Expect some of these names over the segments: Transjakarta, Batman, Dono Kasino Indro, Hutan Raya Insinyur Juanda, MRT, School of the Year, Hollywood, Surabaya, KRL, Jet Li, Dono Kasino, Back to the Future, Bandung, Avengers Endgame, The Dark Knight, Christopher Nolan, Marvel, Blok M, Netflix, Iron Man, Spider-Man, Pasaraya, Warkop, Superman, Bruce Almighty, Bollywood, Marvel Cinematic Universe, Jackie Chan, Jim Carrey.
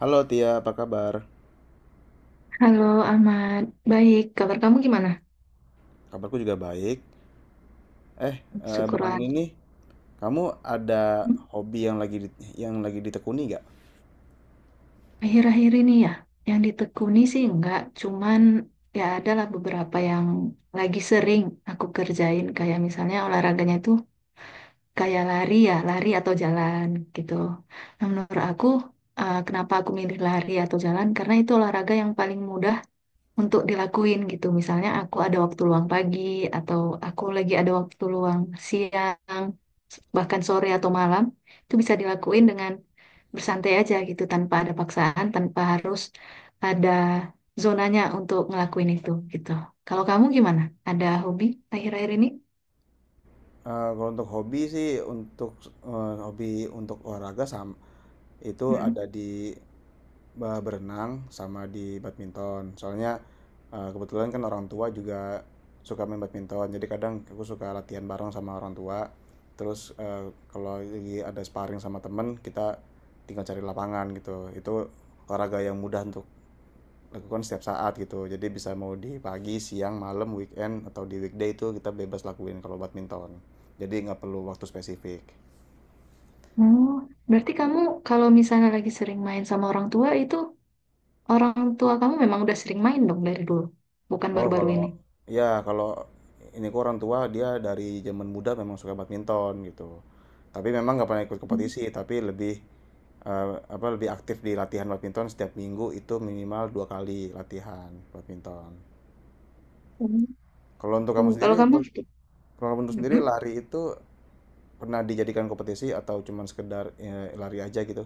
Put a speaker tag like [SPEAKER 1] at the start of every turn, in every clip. [SPEAKER 1] Halo Tia, apa kabar?
[SPEAKER 2] Halo Ahmad, baik. Kabar kamu gimana?
[SPEAKER 1] Kabarku juga baik. Belakangan
[SPEAKER 2] Syukurlah.
[SPEAKER 1] ini kamu ada
[SPEAKER 2] Hmm,
[SPEAKER 1] hobi yang lagi yang lagi ditekuni nggak?
[SPEAKER 2] Akhir-akhir ini ya, yang ditekuni sih enggak, cuman ya adalah beberapa yang lagi sering aku kerjain, kayak misalnya olahraganya itu kayak lari ya, lari atau jalan gitu. Nah, menurut aku, kenapa aku milih lari atau jalan? Karena itu olahraga yang paling mudah untuk dilakuin gitu. Misalnya aku ada waktu luang pagi, atau aku lagi ada waktu luang siang, bahkan sore atau malam, itu bisa dilakuin dengan bersantai aja gitu tanpa ada paksaan, tanpa harus ada zonanya untuk ngelakuin itu gitu. Kalau kamu gimana? Ada hobi akhir-akhir ini?
[SPEAKER 1] Kalau untuk hobi sih, untuk hobi untuk olahraga sama itu
[SPEAKER 2] Mm.
[SPEAKER 1] ada di berenang sama di badminton. Soalnya, kebetulan kan orang tua juga suka main badminton, jadi kadang aku suka latihan bareng sama orang tua. Terus, kalau lagi ada sparring sama temen, kita tinggal cari lapangan gitu. Itu olahraga yang mudah untuk lakukan setiap saat gitu. Jadi bisa mau di pagi, siang, malam, weekend, atau di weekday itu kita bebas lakuin kalau badminton. Jadi nggak perlu waktu spesifik.
[SPEAKER 2] Oh, berarti kamu kalau misalnya lagi sering main sama orang tua itu, orang tua kamu memang udah sering main dong dari dulu, bukan
[SPEAKER 1] Oh
[SPEAKER 2] baru-baru
[SPEAKER 1] kalau
[SPEAKER 2] ini.
[SPEAKER 1] ya kalau ini kok orang tua dia dari zaman muda memang suka badminton gitu. Tapi memang nggak pernah ikut kompetisi, tapi lebih eh, apa lebih aktif di latihan badminton setiap minggu itu minimal dua kali latihan badminton.
[SPEAKER 2] Hmm.
[SPEAKER 1] Kalau untuk
[SPEAKER 2] Tuh,
[SPEAKER 1] kamu sendiri,
[SPEAKER 2] kalau kamu...
[SPEAKER 1] untuk kalau kamu untuk sendiri
[SPEAKER 2] Mm-mm.
[SPEAKER 1] lari itu pernah dijadikan kompetisi atau cuman sekedar lari aja gitu?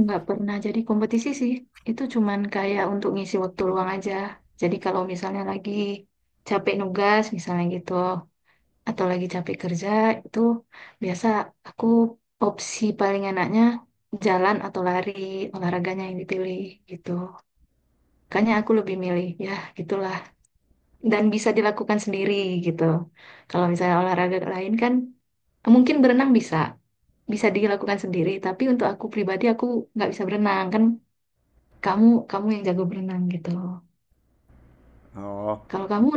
[SPEAKER 2] Nggak pernah jadi kompetisi sih. Itu cuman kayak untuk ngisi waktu luang aja. Jadi kalau misalnya lagi capek nugas, misalnya gitu, atau lagi capek kerja, itu biasa aku opsi paling enaknya jalan atau lari, olahraganya yang dipilih gitu. Makanya aku lebih milih, ya gitulah. Dan bisa dilakukan sendiri gitu. Kalau misalnya olahraga lain kan, mungkin berenang bisa. Bisa dilakukan sendiri, tapi untuk aku pribadi aku nggak bisa berenang kan. Kamu kamu yang jago berenang gitu.
[SPEAKER 1] Oh,
[SPEAKER 2] Kalau kamu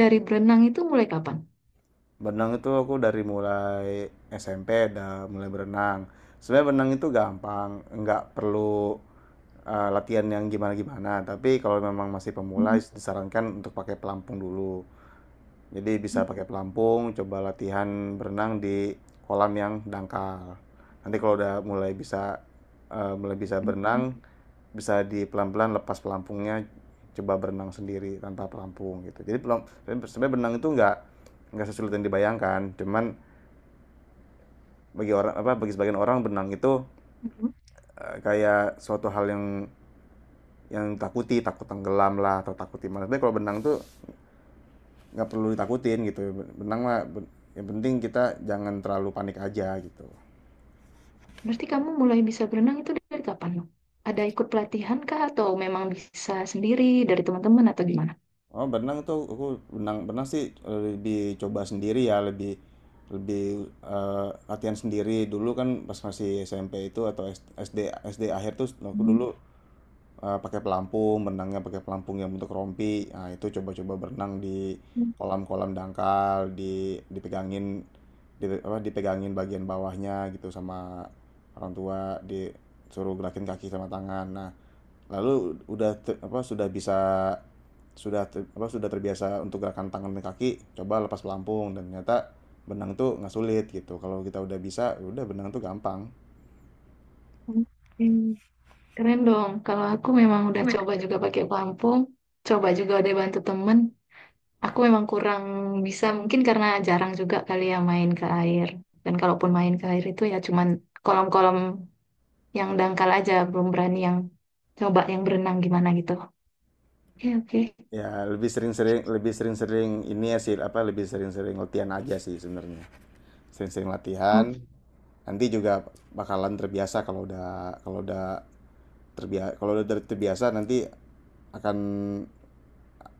[SPEAKER 2] dari berenang itu mulai kapan?
[SPEAKER 1] berenang itu aku dari mulai SMP udah mulai berenang. Sebenarnya berenang itu gampang, nggak perlu latihan yang gimana-gimana. Tapi kalau memang masih pemula disarankan untuk pakai pelampung dulu. Jadi bisa pakai pelampung, coba latihan berenang di kolam yang dangkal. Nanti kalau udah mulai bisa berenang, bisa di pelan-pelan lepas pelampungnya, coba berenang sendiri tanpa pelampung gitu. Jadi sebenarnya berenang itu nggak sesulit yang dibayangkan. Cuman bagi orang apa bagi sebagian orang berenang itu kayak suatu hal yang takut tenggelam lah atau takut gimana tapi kalau benang tuh nggak perlu ditakutin gitu benang mah yang penting kita jangan terlalu panik aja gitu
[SPEAKER 2] Berarti kamu mulai bisa berenang itu dari kapan? Nuk? Ada ikut pelatihan kah atau memang bisa sendiri dari teman-teman atau gimana?
[SPEAKER 1] oh benang tuh aku benang benang sih lebih coba sendiri ya lebih lebih latihan sendiri dulu kan pas masih SMP itu atau SD SD akhir tuh aku
[SPEAKER 2] Hmm.
[SPEAKER 1] dulu pakai pelampung, berenangnya pakai pelampung yang bentuk rompi. Nah, itu coba-coba berenang di kolam-kolam dangkal, dipegangin dipegangin bagian bawahnya gitu sama orang tua, disuruh gerakin kaki sama tangan. Nah, lalu sudah bisa sudah terbiasa untuk gerakan tangan dan kaki, coba lepas pelampung dan ternyata berenang tuh nggak sulit gitu. Kalau kita udah bisa, ya udah berenang tuh gampang.
[SPEAKER 2] Oke. Keren dong. Kalau aku memang udah coba juga pakai pelampung, coba juga udah bantu temen. Aku memang kurang bisa, mungkin karena jarang juga kali ya main ke air. Dan kalaupun main ke air itu ya cuman kolam-kolam yang dangkal aja, belum berani yang coba yang berenang gimana gitu. Oke, oke.
[SPEAKER 1] Ya, lebih sering-sering ini ya sih apa lebih sering-sering latihan aja sih sebenarnya. Sering-sering latihan.
[SPEAKER 2] O-
[SPEAKER 1] Nanti juga bakalan terbiasa kalau udah terbiasa terbiasa nanti akan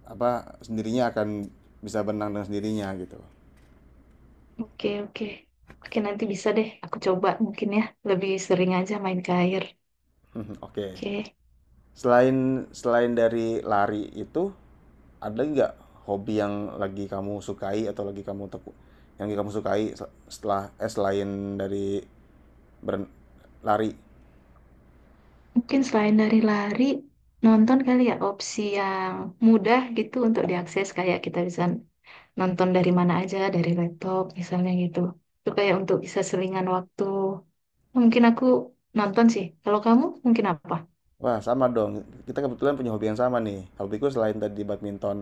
[SPEAKER 1] apa sendirinya akan bisa berenang dengan sendirinya gitu.
[SPEAKER 2] oke, oke, oke, nanti bisa deh aku coba mungkin ya, lebih sering aja main ke air.
[SPEAKER 1] Mhm, oke.
[SPEAKER 2] Oke,
[SPEAKER 1] Selain Selain dari lari itu ada nggak hobi yang lagi kamu sukai atau yang lagi kamu sukai setelah selain dari beren- lari?
[SPEAKER 2] mungkin selain dari lari, nonton kali ya, opsi yang mudah gitu untuk diakses, kayak kita bisa nonton dari mana aja, dari laptop misalnya gitu, itu kayak untuk bisa selingan waktu, mungkin aku nonton sih. Kalau kamu mungkin apa...
[SPEAKER 1] Wah, sama dong. Kita kebetulan punya hobi yang sama nih. Hobiku selain tadi badminton,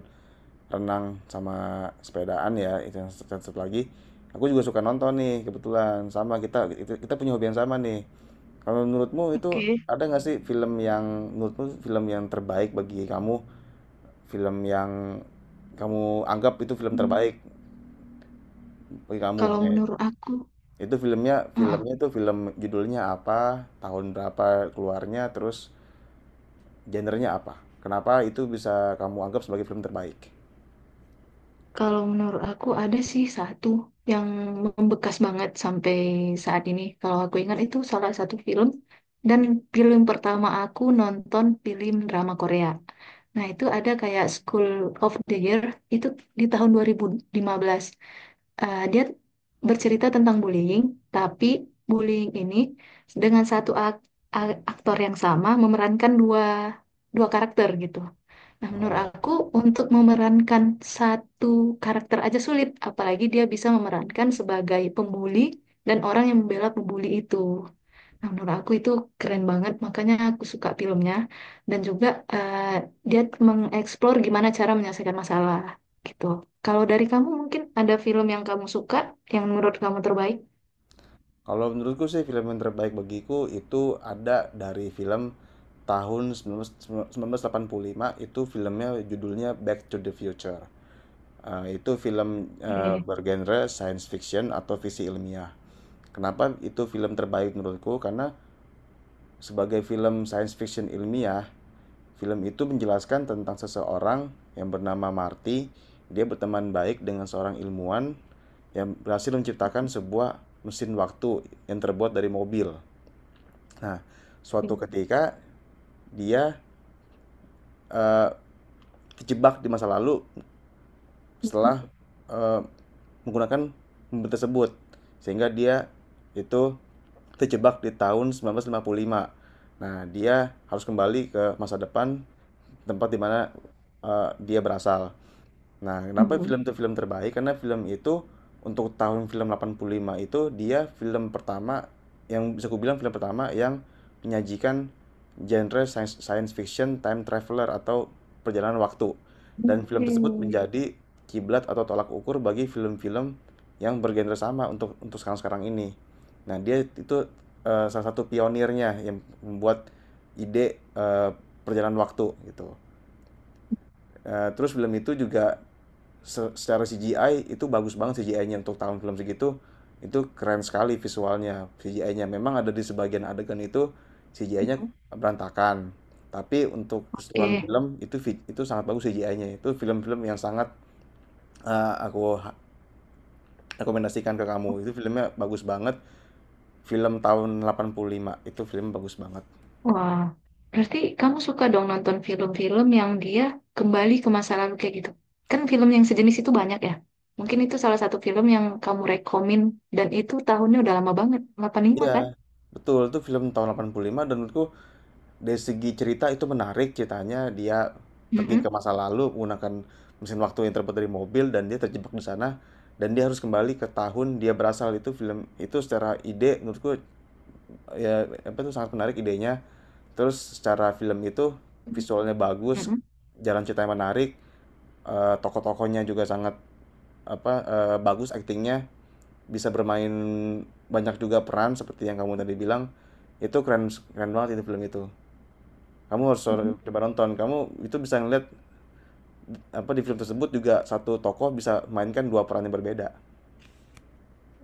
[SPEAKER 1] renang, sama sepedaan ya, itu yang satu satu lagi. Aku juga suka nonton nih, kebetulan. Sama kita kita punya hobi yang sama nih. Kalau menurutmu itu
[SPEAKER 2] Oke.
[SPEAKER 1] ada nggak sih film yang menurutmu film yang terbaik bagi kamu? Film yang kamu anggap itu film
[SPEAKER 2] Hmm,
[SPEAKER 1] terbaik bagi kamu?
[SPEAKER 2] Kalau menurut aku,
[SPEAKER 1] Itu filmnya,
[SPEAKER 2] uh-uh.
[SPEAKER 1] filmnya itu film judulnya apa, tahun berapa keluarnya, terus genrenya apa? Kenapa itu bisa kamu anggap sebagai film terbaik?
[SPEAKER 2] Kalau menurut aku ada sih satu yang membekas banget sampai saat ini. Kalau aku ingat, itu salah satu film dan film pertama aku nonton film drama Korea. Nah, itu ada kayak School of the Year itu di tahun 2015. Eh, dia bercerita tentang bullying, tapi bullying ini dengan satu aktor yang sama memerankan dua dua karakter gitu. Nah, menurut
[SPEAKER 1] Oh,
[SPEAKER 2] aku untuk memerankan satu karakter aja sulit, apalagi dia bisa memerankan sebagai pembuli dan orang yang membela pembuli itu. Nah, menurut aku itu keren banget, makanya aku suka filmnya, dan juga eh, dia mengeksplor gimana cara menyelesaikan masalah gitu. Kalau dari kamu mungkin ada film yang kamu suka, yang menurut kamu terbaik?
[SPEAKER 1] kalau menurutku sih film yang terbaik bagiku itu ada dari film tahun 1985 itu filmnya judulnya Back to the Future. Itu film
[SPEAKER 2] Oke.
[SPEAKER 1] bergenre science fiction atau fiksi ilmiah. Kenapa itu film terbaik menurutku? Karena sebagai film science fiction ilmiah, film itu menjelaskan tentang seseorang yang bernama Marty. Dia berteman baik dengan seorang ilmuwan yang berhasil menciptakan sebuah mesin waktu yang terbuat dari mobil. Nah, suatu ketika dia eh, terjebak di masa lalu
[SPEAKER 2] Mhm.
[SPEAKER 1] setelah eh, menggunakan mobil tersebut sehingga dia itu terjebak di tahun 1955. Nah, dia harus kembali ke masa depan tempat di mana dia berasal. Nah, kenapa
[SPEAKER 2] Mhm.
[SPEAKER 1] film itu film terbaik? Karena film itu untuk tahun film 85 itu dia film pertama yang bisa kubilang film pertama yang menyajikan genre science fiction time traveler atau perjalanan waktu. Dan film
[SPEAKER 2] Oke.
[SPEAKER 1] tersebut menjadi kiblat atau tolak ukur bagi film-film yang bergenre sama untuk sekarang-sekarang ini. Nah, dia itu salah satu pionirnya yang membuat ide perjalanan waktu gitu. Terus film itu juga secara CGI itu bagus banget, CGI-nya untuk tahun film segitu itu keren sekali visualnya. CGI-nya memang ada di sebagian adegan itu CGI-nya berantakan, tapi untuk keseluruhan
[SPEAKER 2] Oke.
[SPEAKER 1] film itu sangat bagus CGI-nya. Itu film-film yang sangat aku rekomendasikan ke kamu, itu filmnya bagus banget, film tahun 85 itu film bagus banget.
[SPEAKER 2] Wah, berarti kamu suka dong nonton film-film yang dia kembali ke masa lalu kayak gitu. Kan film yang sejenis itu banyak ya. Mungkin itu salah satu film yang kamu rekomin, dan itu tahunnya udah lama banget, 85
[SPEAKER 1] Iya
[SPEAKER 2] kan?
[SPEAKER 1] betul, itu film tahun 85 dan menurutku dari segi cerita itu menarik ceritanya, dia pergi ke
[SPEAKER 2] Mm-mm.
[SPEAKER 1] masa lalu menggunakan mesin waktu yang terbuat dari mobil dan dia terjebak di sana dan dia harus kembali ke tahun dia berasal. Itu film itu secara ide menurutku ya apa itu sangat menarik idenya, terus secara film itu visualnya bagus,
[SPEAKER 2] Mm-mm.
[SPEAKER 1] jalan ceritanya menarik, tokoh-tokohnya juga sangat bagus aktingnya, bisa bermain banyak juga peran seperti yang kamu tadi bilang. Itu keren keren banget itu film itu, kamu harus
[SPEAKER 2] Mm-mm.
[SPEAKER 1] coba nonton. Kamu itu bisa ngeliat apa di film tersebut juga satu tokoh bisa mainkan dua peran yang berbeda,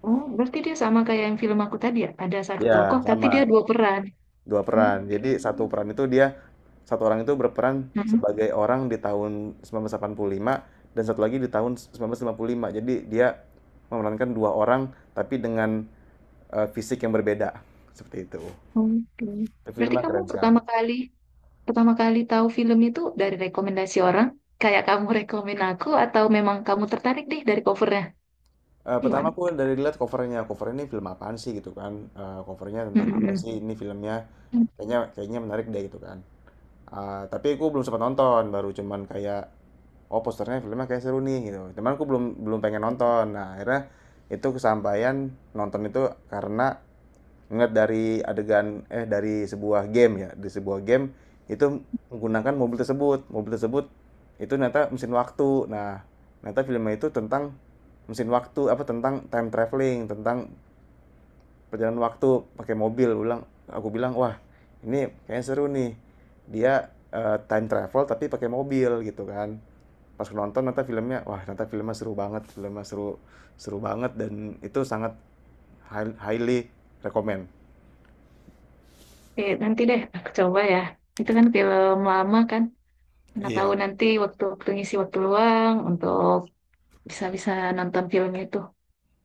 [SPEAKER 2] Oh, berarti dia sama kayak yang film aku tadi ya. Ada satu
[SPEAKER 1] ya
[SPEAKER 2] tokoh tapi dia
[SPEAKER 1] sama,
[SPEAKER 2] dua peran.
[SPEAKER 1] dua peran
[SPEAKER 2] Oke.
[SPEAKER 1] jadi satu peran itu dia, satu orang itu berperan
[SPEAKER 2] Mm-mm.
[SPEAKER 1] sebagai orang di tahun 1985 dan satu lagi di tahun 1955. Jadi dia memerankan dua orang tapi dengan fisik yang berbeda seperti itu.
[SPEAKER 2] Oke.
[SPEAKER 1] Tapi
[SPEAKER 2] Berarti
[SPEAKER 1] filmnya
[SPEAKER 2] kamu
[SPEAKER 1] keren sekali.
[SPEAKER 2] pertama kali tahu film itu dari rekomendasi orang, kayak kamu rekomen aku, atau memang kamu tertarik deh dari cover.
[SPEAKER 1] Pertama
[SPEAKER 2] Gimana?
[SPEAKER 1] aku dari lihat covernya, cover ini film apaan sih gitu kan? Covernya
[SPEAKER 2] Mm,
[SPEAKER 1] tentang apa
[SPEAKER 2] mm,
[SPEAKER 1] sih ini filmnya?
[SPEAKER 2] mm.
[SPEAKER 1] Kayaknya kayaknya menarik deh gitu kan. Ah, tapi aku belum sempat nonton, baru cuman kayak oh posternya filmnya kayak seru nih gitu. Cuman aku belum belum pengen nonton. Nah, akhirnya itu kesampaian nonton itu karena ngeliat dari adegan dari sebuah game ya, di sebuah game itu menggunakan mobil tersebut. Mobil tersebut itu ternyata mesin waktu. Nah, ternyata filmnya itu tentang mesin waktu apa tentang time traveling, tentang perjalanan waktu pakai mobil ulang, aku bilang wah ini kayaknya seru nih, dia time travel tapi pakai mobil gitu kan. Pas nonton nonton filmnya wah nonton filmnya seru banget, filmnya seru seru banget dan itu sangat highly recommend.
[SPEAKER 2] Oke, nanti deh aku coba ya. Itu kan film lama kan. Nggak tahu
[SPEAKER 1] Iya.
[SPEAKER 2] nanti waktu-waktu ngisi waktu luang untuk bisa-bisa nonton film itu.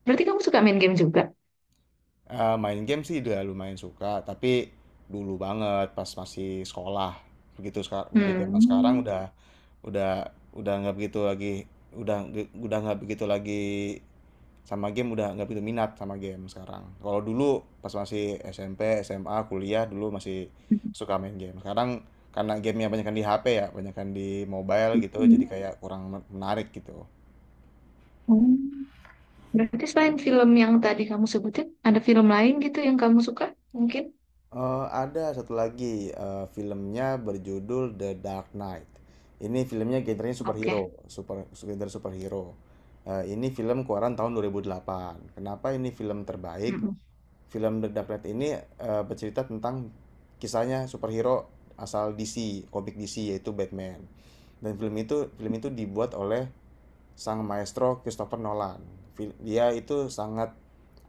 [SPEAKER 2] Berarti kamu suka main game juga?
[SPEAKER 1] Main game sih udah lumayan suka tapi dulu banget pas masih sekolah, begitu sekarang begitu zaman sekarang
[SPEAKER 2] Hmm.
[SPEAKER 1] Udah nggak begitu lagi, udah nggak begitu lagi sama game, udah nggak begitu minat sama game sekarang. Kalau dulu pas masih SMP, SMA, kuliah dulu masih suka main game. Sekarang karena gamenya banyakan di HP ya, banyakan di mobile gitu, jadi kayak kurang menarik gitu.
[SPEAKER 2] Oh. Berarti selain film yang tadi kamu sebutin, ada film lain gitu yang kamu suka? Mungkin?
[SPEAKER 1] Ada satu lagi, filmnya berjudul The Dark Knight. Ini filmnya genrenya
[SPEAKER 2] Oke.
[SPEAKER 1] superhero, super genre superhero. Ini film keluaran tahun 2008. Kenapa ini film terbaik?
[SPEAKER 2] Mm-mm.
[SPEAKER 1] Film The Dark Knight ini bercerita tentang kisahnya superhero asal DC, komik DC yaitu Batman. Dan film itu dibuat oleh sang maestro Christopher Nolan. Dia itu sangat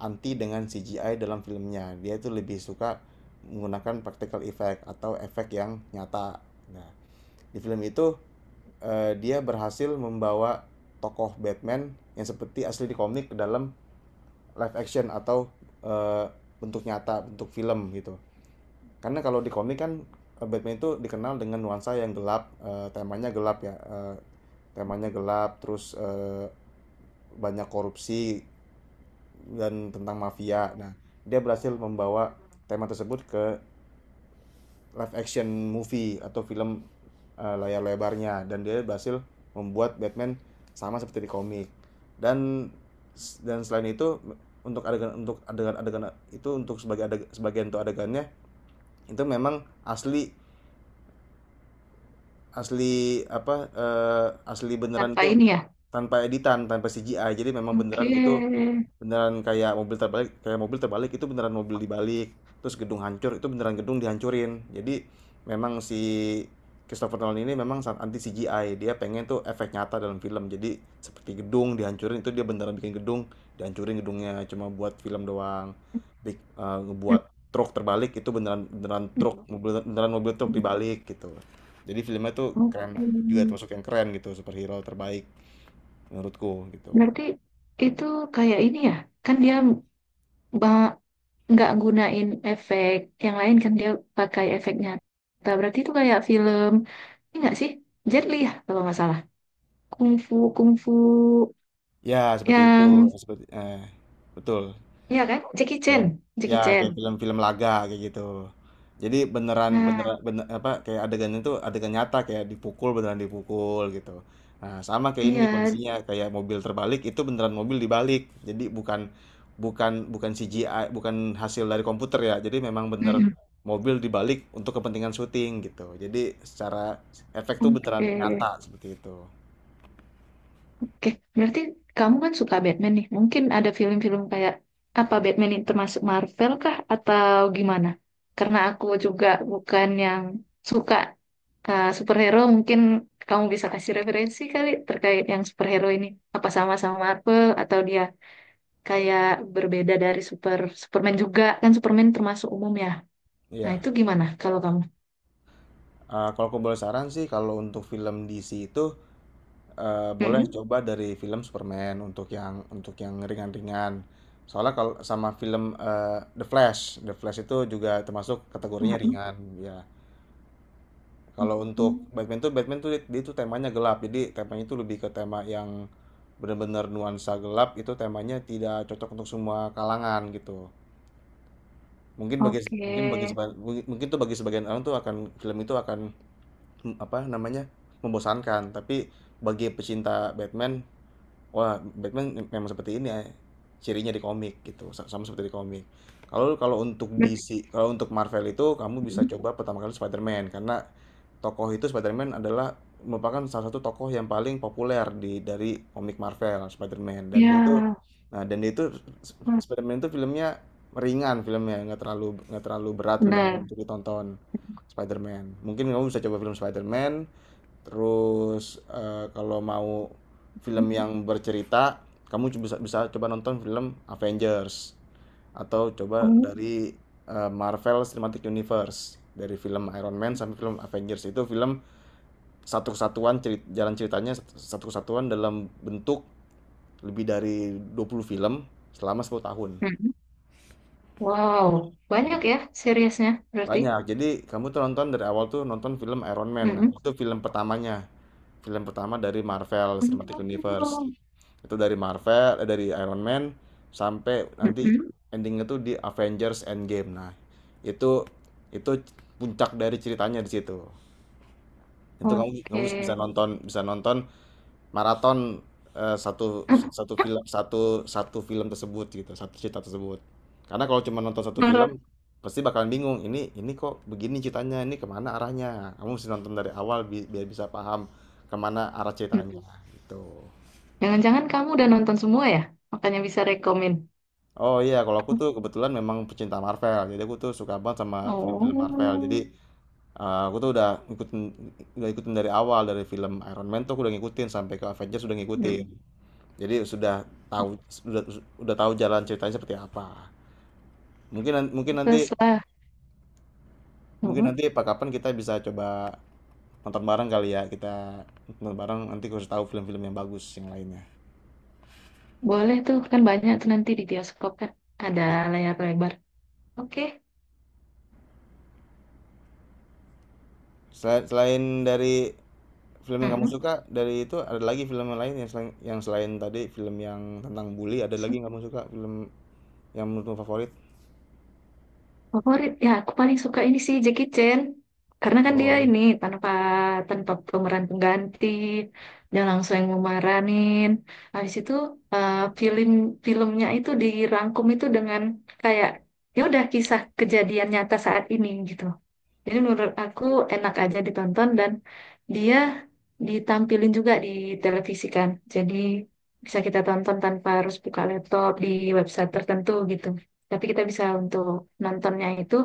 [SPEAKER 1] anti dengan CGI dalam filmnya. Dia itu lebih suka menggunakan practical effect atau efek yang nyata. Nah, di film itu dia berhasil membawa tokoh Batman yang seperti asli di komik ke dalam live action atau eh, bentuk nyata, bentuk film gitu. Karena kalau di komik kan Batman itu dikenal dengan nuansa yang gelap, temanya gelap ya, temanya gelap, terus banyak korupsi dan tentang mafia. Nah, dia berhasil membawa tema tersebut live action movie atau film layar lebarnya dan dia berhasil membuat Batman sama seperti di komik. dan dan selain itu untuk adegan adegan itu sebagian untuk adegannya itu memang asli, asli beneran
[SPEAKER 2] Tanpa
[SPEAKER 1] itu
[SPEAKER 2] ini ya?
[SPEAKER 1] tanpa editan tanpa CGI, jadi memang
[SPEAKER 2] Oke.
[SPEAKER 1] beneran itu beneran, kayak mobil terbalik, kayak mobil terbalik itu beneran mobil dibalik, terus gedung hancur itu beneran gedung dihancurin. Jadi memang si Christopher Nolan ini memang sangat anti CGI, dia pengen tuh efek nyata dalam film, jadi seperti gedung dihancurin itu dia beneran bikin gedung dihancurin, gedungnya cuma buat film doang. Ngebuat truk terbalik itu beneran, beneran truk,
[SPEAKER 2] Mm-mm.
[SPEAKER 1] mobil beneran, mobil truk dibalik gitu. Jadi filmnya tuh keren,
[SPEAKER 2] Oke.
[SPEAKER 1] juga termasuk yang keren gitu, superhero terbaik menurutku gitu.
[SPEAKER 2] Berarti itu kayak ini ya, kan dia ba- nggak gunain efek yang lain kan, dia pakai efek nyata. Berarti itu kayak film, ini nggak sih? Jet Li ya kalau nggak salah. Kungfu, kungfu
[SPEAKER 1] Ya, seperti itu,
[SPEAKER 2] yang,
[SPEAKER 1] seperti betul.
[SPEAKER 2] ya kan? Jackie
[SPEAKER 1] Ya.
[SPEAKER 2] Chan,
[SPEAKER 1] Ya,
[SPEAKER 2] Jackie
[SPEAKER 1] kayak
[SPEAKER 2] Chan.
[SPEAKER 1] film-film laga kayak gitu. Jadi beneran
[SPEAKER 2] Nah,
[SPEAKER 1] beneran bener, apa kayak adegannya tuh adegan nyata, kayak dipukul beneran dipukul gitu. Nah, sama kayak ini
[SPEAKER 2] iya.
[SPEAKER 1] kondisinya, kayak mobil terbalik itu beneran mobil dibalik. Jadi bukan, bukan CGI, bukan hasil dari komputer ya. Jadi memang bener
[SPEAKER 2] Mm-mm.
[SPEAKER 1] mobil dibalik untuk kepentingan syuting gitu. Jadi secara efek tuh beneran
[SPEAKER 2] Oke.
[SPEAKER 1] nyata seperti itu.
[SPEAKER 2] Oke, berarti kamu kan suka Batman nih. Mungkin ada film-film kayak apa, Batman ini termasuk Marvel kah atau gimana? Karena aku juga bukan yang suka superhero, mungkin kamu bisa kasih referensi kali terkait yang superhero ini. Apa sama-sama Marvel, atau dia kayak berbeda dari Superman juga? Kan Superman termasuk umum ya. Nah,
[SPEAKER 1] Iya.
[SPEAKER 2] itu gimana kalau kamu?
[SPEAKER 1] Kalau aku boleh saran sih kalau untuk film DC itu, boleh
[SPEAKER 2] Mm-mm.
[SPEAKER 1] coba dari film Superman untuk yang ringan-ringan. Soalnya kalau sama film, The Flash. The Flash itu juga termasuk kategorinya
[SPEAKER 2] Mm-mm.
[SPEAKER 1] ringan, ya. Kalau untuk Batman tuh dia tuh temanya gelap, jadi temanya itu lebih ke tema yang benar-benar nuansa gelap, itu temanya tidak cocok untuk semua kalangan gitu. Mungkin bagi mungkin bagi
[SPEAKER 2] Oke.
[SPEAKER 1] seba
[SPEAKER 2] Oke.
[SPEAKER 1] mungkin tuh bagi sebagian orang tuh akan film itu akan apa namanya, membosankan. Tapi bagi pecinta Batman, wah, Batman memang seperti ini, ya, cirinya di komik gitu, sama seperti di komik. Kalau kalau untuk DC, kalau untuk Marvel itu kamu bisa
[SPEAKER 2] Berarti...
[SPEAKER 1] coba pertama kali Spider-Man karena tokoh itu Spider-Man adalah merupakan salah satu tokoh yang paling populer di dari komik Marvel. Spider-Man,
[SPEAKER 2] Ya,
[SPEAKER 1] dan dia itu Spider-Man itu filmnya ringan, filmnya nggak terlalu, nggak terlalu berat filmnya
[SPEAKER 2] benar.
[SPEAKER 1] untuk ditonton. Spider-Man, mungkin kamu bisa coba film Spider-Man. Terus kalau mau film yang bercerita, kamu bisa bisa coba nonton film Avengers, atau coba dari Marvel Cinematic Universe, dari film Iron Man sampai film Avengers. Itu film satu kesatuan, jalan ceritanya satu satu kesatuan dalam bentuk lebih dari 20 film selama 10 tahun.
[SPEAKER 2] Mm-mm. Wow, banyak
[SPEAKER 1] Iya.
[SPEAKER 2] ya seriesnya berarti.
[SPEAKER 1] Banyak. Jadi kamu tuh nonton dari awal tuh nonton film Iron Man. Nah,
[SPEAKER 2] Mm-mm.
[SPEAKER 1] itu film pertamanya. Film pertama dari Marvel Cinematic Universe.
[SPEAKER 2] Oh.
[SPEAKER 1] Itu dari Marvel, dari Iron Man sampai nanti
[SPEAKER 2] Mm-mm.
[SPEAKER 1] endingnya tuh di Avengers Endgame. Nah, itu itu puncak dari ceritanya di situ. Itu kamu kamu
[SPEAKER 2] Oke.
[SPEAKER 1] bisa nonton, bisa nonton maraton, eh, satu satu satu film tersebut gitu, satu cerita tersebut, karena kalau cuma nonton satu
[SPEAKER 2] Marah.
[SPEAKER 1] film pasti bakalan bingung, ini kok begini ceritanya, ini kemana arahnya. Kamu mesti nonton dari awal biar bisa paham kemana arah ceritanya
[SPEAKER 2] Mm-mm.
[SPEAKER 1] gitu.
[SPEAKER 2] Jangan-jangan kamu udah nonton semua ya? Makanya bisa rekomen.
[SPEAKER 1] Oh iya, kalau aku tuh kebetulan memang pecinta Marvel, jadi aku tuh suka banget sama film-film Marvel. Jadi
[SPEAKER 2] Oh,
[SPEAKER 1] aku tuh udah ngikutin, udah ikutin dari awal, dari film Iron Man tuh aku udah ngikutin sampai ke Avengers, udah ngikutin.
[SPEAKER 2] mm.
[SPEAKER 1] Jadi sudah tahu, sudah sudah tahu jalan ceritanya seperti apa. Mungkin nan mungkin
[SPEAKER 2] Terus
[SPEAKER 1] nanti
[SPEAKER 2] lah.
[SPEAKER 1] mungkin
[SPEAKER 2] Mm-mm.
[SPEAKER 1] nanti pa kapan kita bisa coba nonton bareng kali ya, kita nonton bareng nanti kasih tahu film-film yang bagus yang lainnya.
[SPEAKER 2] Boleh tuh, kan banyak tuh nanti di bioskop kan. Ada layar lebar. Oke.
[SPEAKER 1] Selain dari film yang kamu
[SPEAKER 2] Mm-mm.
[SPEAKER 1] suka, dari itu ada lagi film yang lain yang selain, yang selain tadi film yang tentang bully, ada lagi yang kamu suka, film yang menurutmu favorit?
[SPEAKER 2] Favorit ya, aku paling suka ini sih Jackie Chan, karena kan dia
[SPEAKER 1] Oh.
[SPEAKER 2] ini tanpa tanpa pemeran pengganti, dia langsung yang memeranin. Habis itu eh, film filmnya itu dirangkum itu dengan kayak ya udah kisah kejadian nyata saat ini gitu, jadi menurut aku enak aja ditonton, dan dia ditampilin juga di televisi kan. Jadi bisa kita tonton tanpa harus buka laptop di website tertentu gitu. Tapi kita bisa untuk nontonnya itu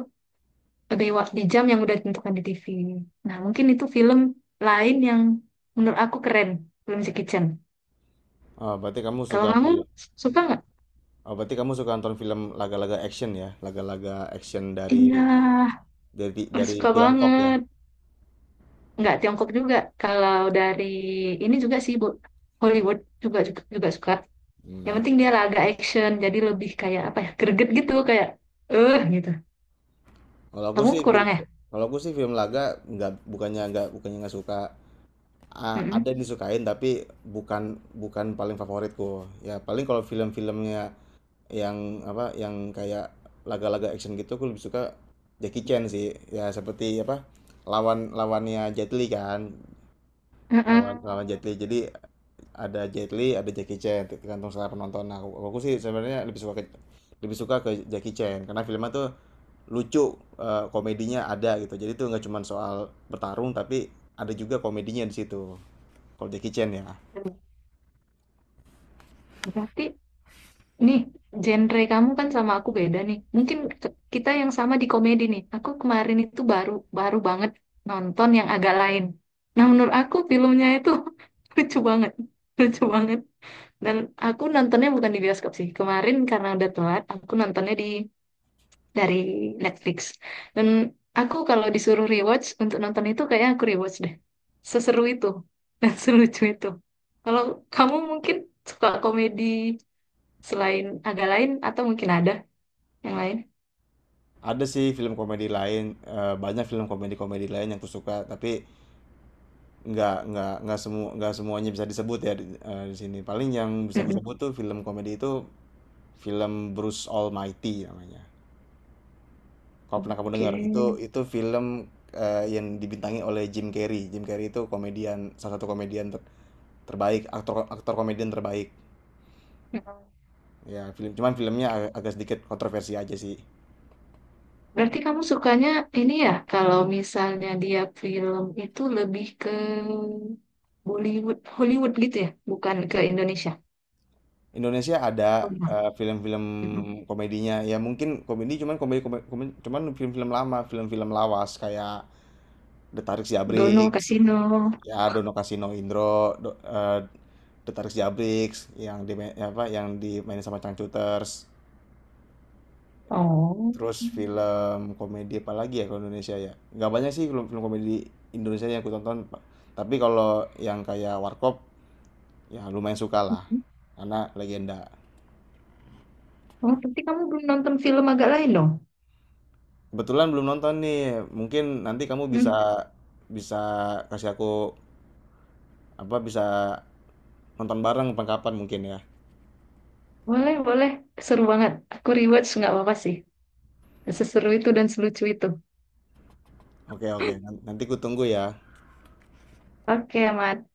[SPEAKER 2] di jam yang udah ditentukan di TV. Nah, mungkin itu film lain yang menurut aku keren, film Jackie Chan.
[SPEAKER 1] Oh, berarti kamu
[SPEAKER 2] Kalau
[SPEAKER 1] suka
[SPEAKER 2] kamu suka nggak?
[SPEAKER 1] nonton film laga-laga action ya, laga-laga action dari
[SPEAKER 2] Iya,
[SPEAKER 1] dari
[SPEAKER 2] suka
[SPEAKER 1] Tiongkok ya?
[SPEAKER 2] banget. Nggak Tiongkok juga. Kalau dari ini juga sih, Bu. Hollywood juga juga, juga suka. Yang
[SPEAKER 1] Hmm.
[SPEAKER 2] penting dia laga action, jadi lebih kayak apa ya, greget gitu, kayak gitu.
[SPEAKER 1] Kalau aku
[SPEAKER 2] Kamu
[SPEAKER 1] sih
[SPEAKER 2] kurang
[SPEAKER 1] film,
[SPEAKER 2] ya?
[SPEAKER 1] kalau aku sih film laga, nggak bukannya nggak bukannya nggak suka, ada
[SPEAKER 2] Mm-mm.
[SPEAKER 1] yang disukain, tapi bukan, bukan paling favoritku. Ya paling kalau film-filmnya yang yang kayak laga-laga action gitu aku lebih suka Jackie Chan sih. Ya seperti apa, lawannya Jet Li kan, lawan
[SPEAKER 2] Mm-mm.
[SPEAKER 1] lawan Jet Li. Jadi ada Jet Li, ada Jackie Chan tergantung selera penonton. Nah, aku sih sebenarnya lebih suka ke Jackie Chan, karena filmnya tuh lucu, komedinya ada gitu, jadi tuh nggak cuma soal bertarung tapi ada juga komedinya di situ kalau Jackie Chan ya.
[SPEAKER 2] Berarti nih genre kamu kan sama aku beda nih. Mungkin kita yang sama di komedi nih. Aku kemarin itu baru baru banget nonton yang agak lain. Nah, menurut aku filmnya itu lucu banget, lucu banget. Dan aku nontonnya bukan di bioskop sih. Kemarin karena udah telat, aku nontonnya di dari Netflix. Dan aku kalau disuruh rewatch untuk nonton itu kayaknya aku rewatch deh. Seseru itu dan selucu itu. Kalau kamu mungkin suka komedi, selain agak lain atau mungkin ada yang lain?
[SPEAKER 1] Ada sih film komedi lain, banyak film komedi-komedi lain yang aku suka, tapi nggak semuanya bisa disebut ya di, di sini paling yang bisa aku
[SPEAKER 2] Mm-mm.
[SPEAKER 1] sebut tuh film komedi itu film Bruce Almighty namanya, kalau pernah kamu dengar. itu
[SPEAKER 2] Oke.
[SPEAKER 1] itu film yang dibintangi oleh Jim Carrey. Jim Carrey itu komedian, salah satu komedian terbaik, aktor, aktor komedian terbaik.
[SPEAKER 2] Mm.
[SPEAKER 1] Ya, film cuman filmnya agak sedikit kontroversi aja sih.
[SPEAKER 2] Berarti kamu sukanya ini ya, kalau misalnya dia film itu lebih ke Bollywood, Hollywood gitu ya, bukan ke Indonesia.
[SPEAKER 1] Indonesia ada,
[SPEAKER 2] Oh, iya.
[SPEAKER 1] film-film
[SPEAKER 2] Mm-mm.
[SPEAKER 1] komedinya, ya mungkin komedi, cuman komedi kome komen cuman film-film lama, film-film lawas kayak Detarik
[SPEAKER 2] Dono
[SPEAKER 1] Siabrix,
[SPEAKER 2] Kasino.
[SPEAKER 1] ya Dono Kasino Indro, do eee, Detarik Siabrix yang di, ya, apa, yang dimainin sama Changcuters.
[SPEAKER 2] Oh.
[SPEAKER 1] Terus film komedi apa lagi ya kalau Indonesia ya? Nggak banyak sih film-film komedi Indonesia yang aku tonton, tapi kalau yang kayak Warkop, ya lumayan suka lah karena legenda.
[SPEAKER 2] Oh, berarti kamu belum nonton film agak lain dong?
[SPEAKER 1] Kebetulan belum nonton nih, mungkin nanti kamu
[SPEAKER 2] Hmm,
[SPEAKER 1] bisa, bisa kasih aku, bisa nonton bareng pengkapan mungkin ya.
[SPEAKER 2] boleh, boleh. Seru banget. Aku rewatch nggak apa-apa sih. Seseru itu dan selucu itu.
[SPEAKER 1] Oke oke nanti ku tunggu ya.
[SPEAKER 2] Oke, aman.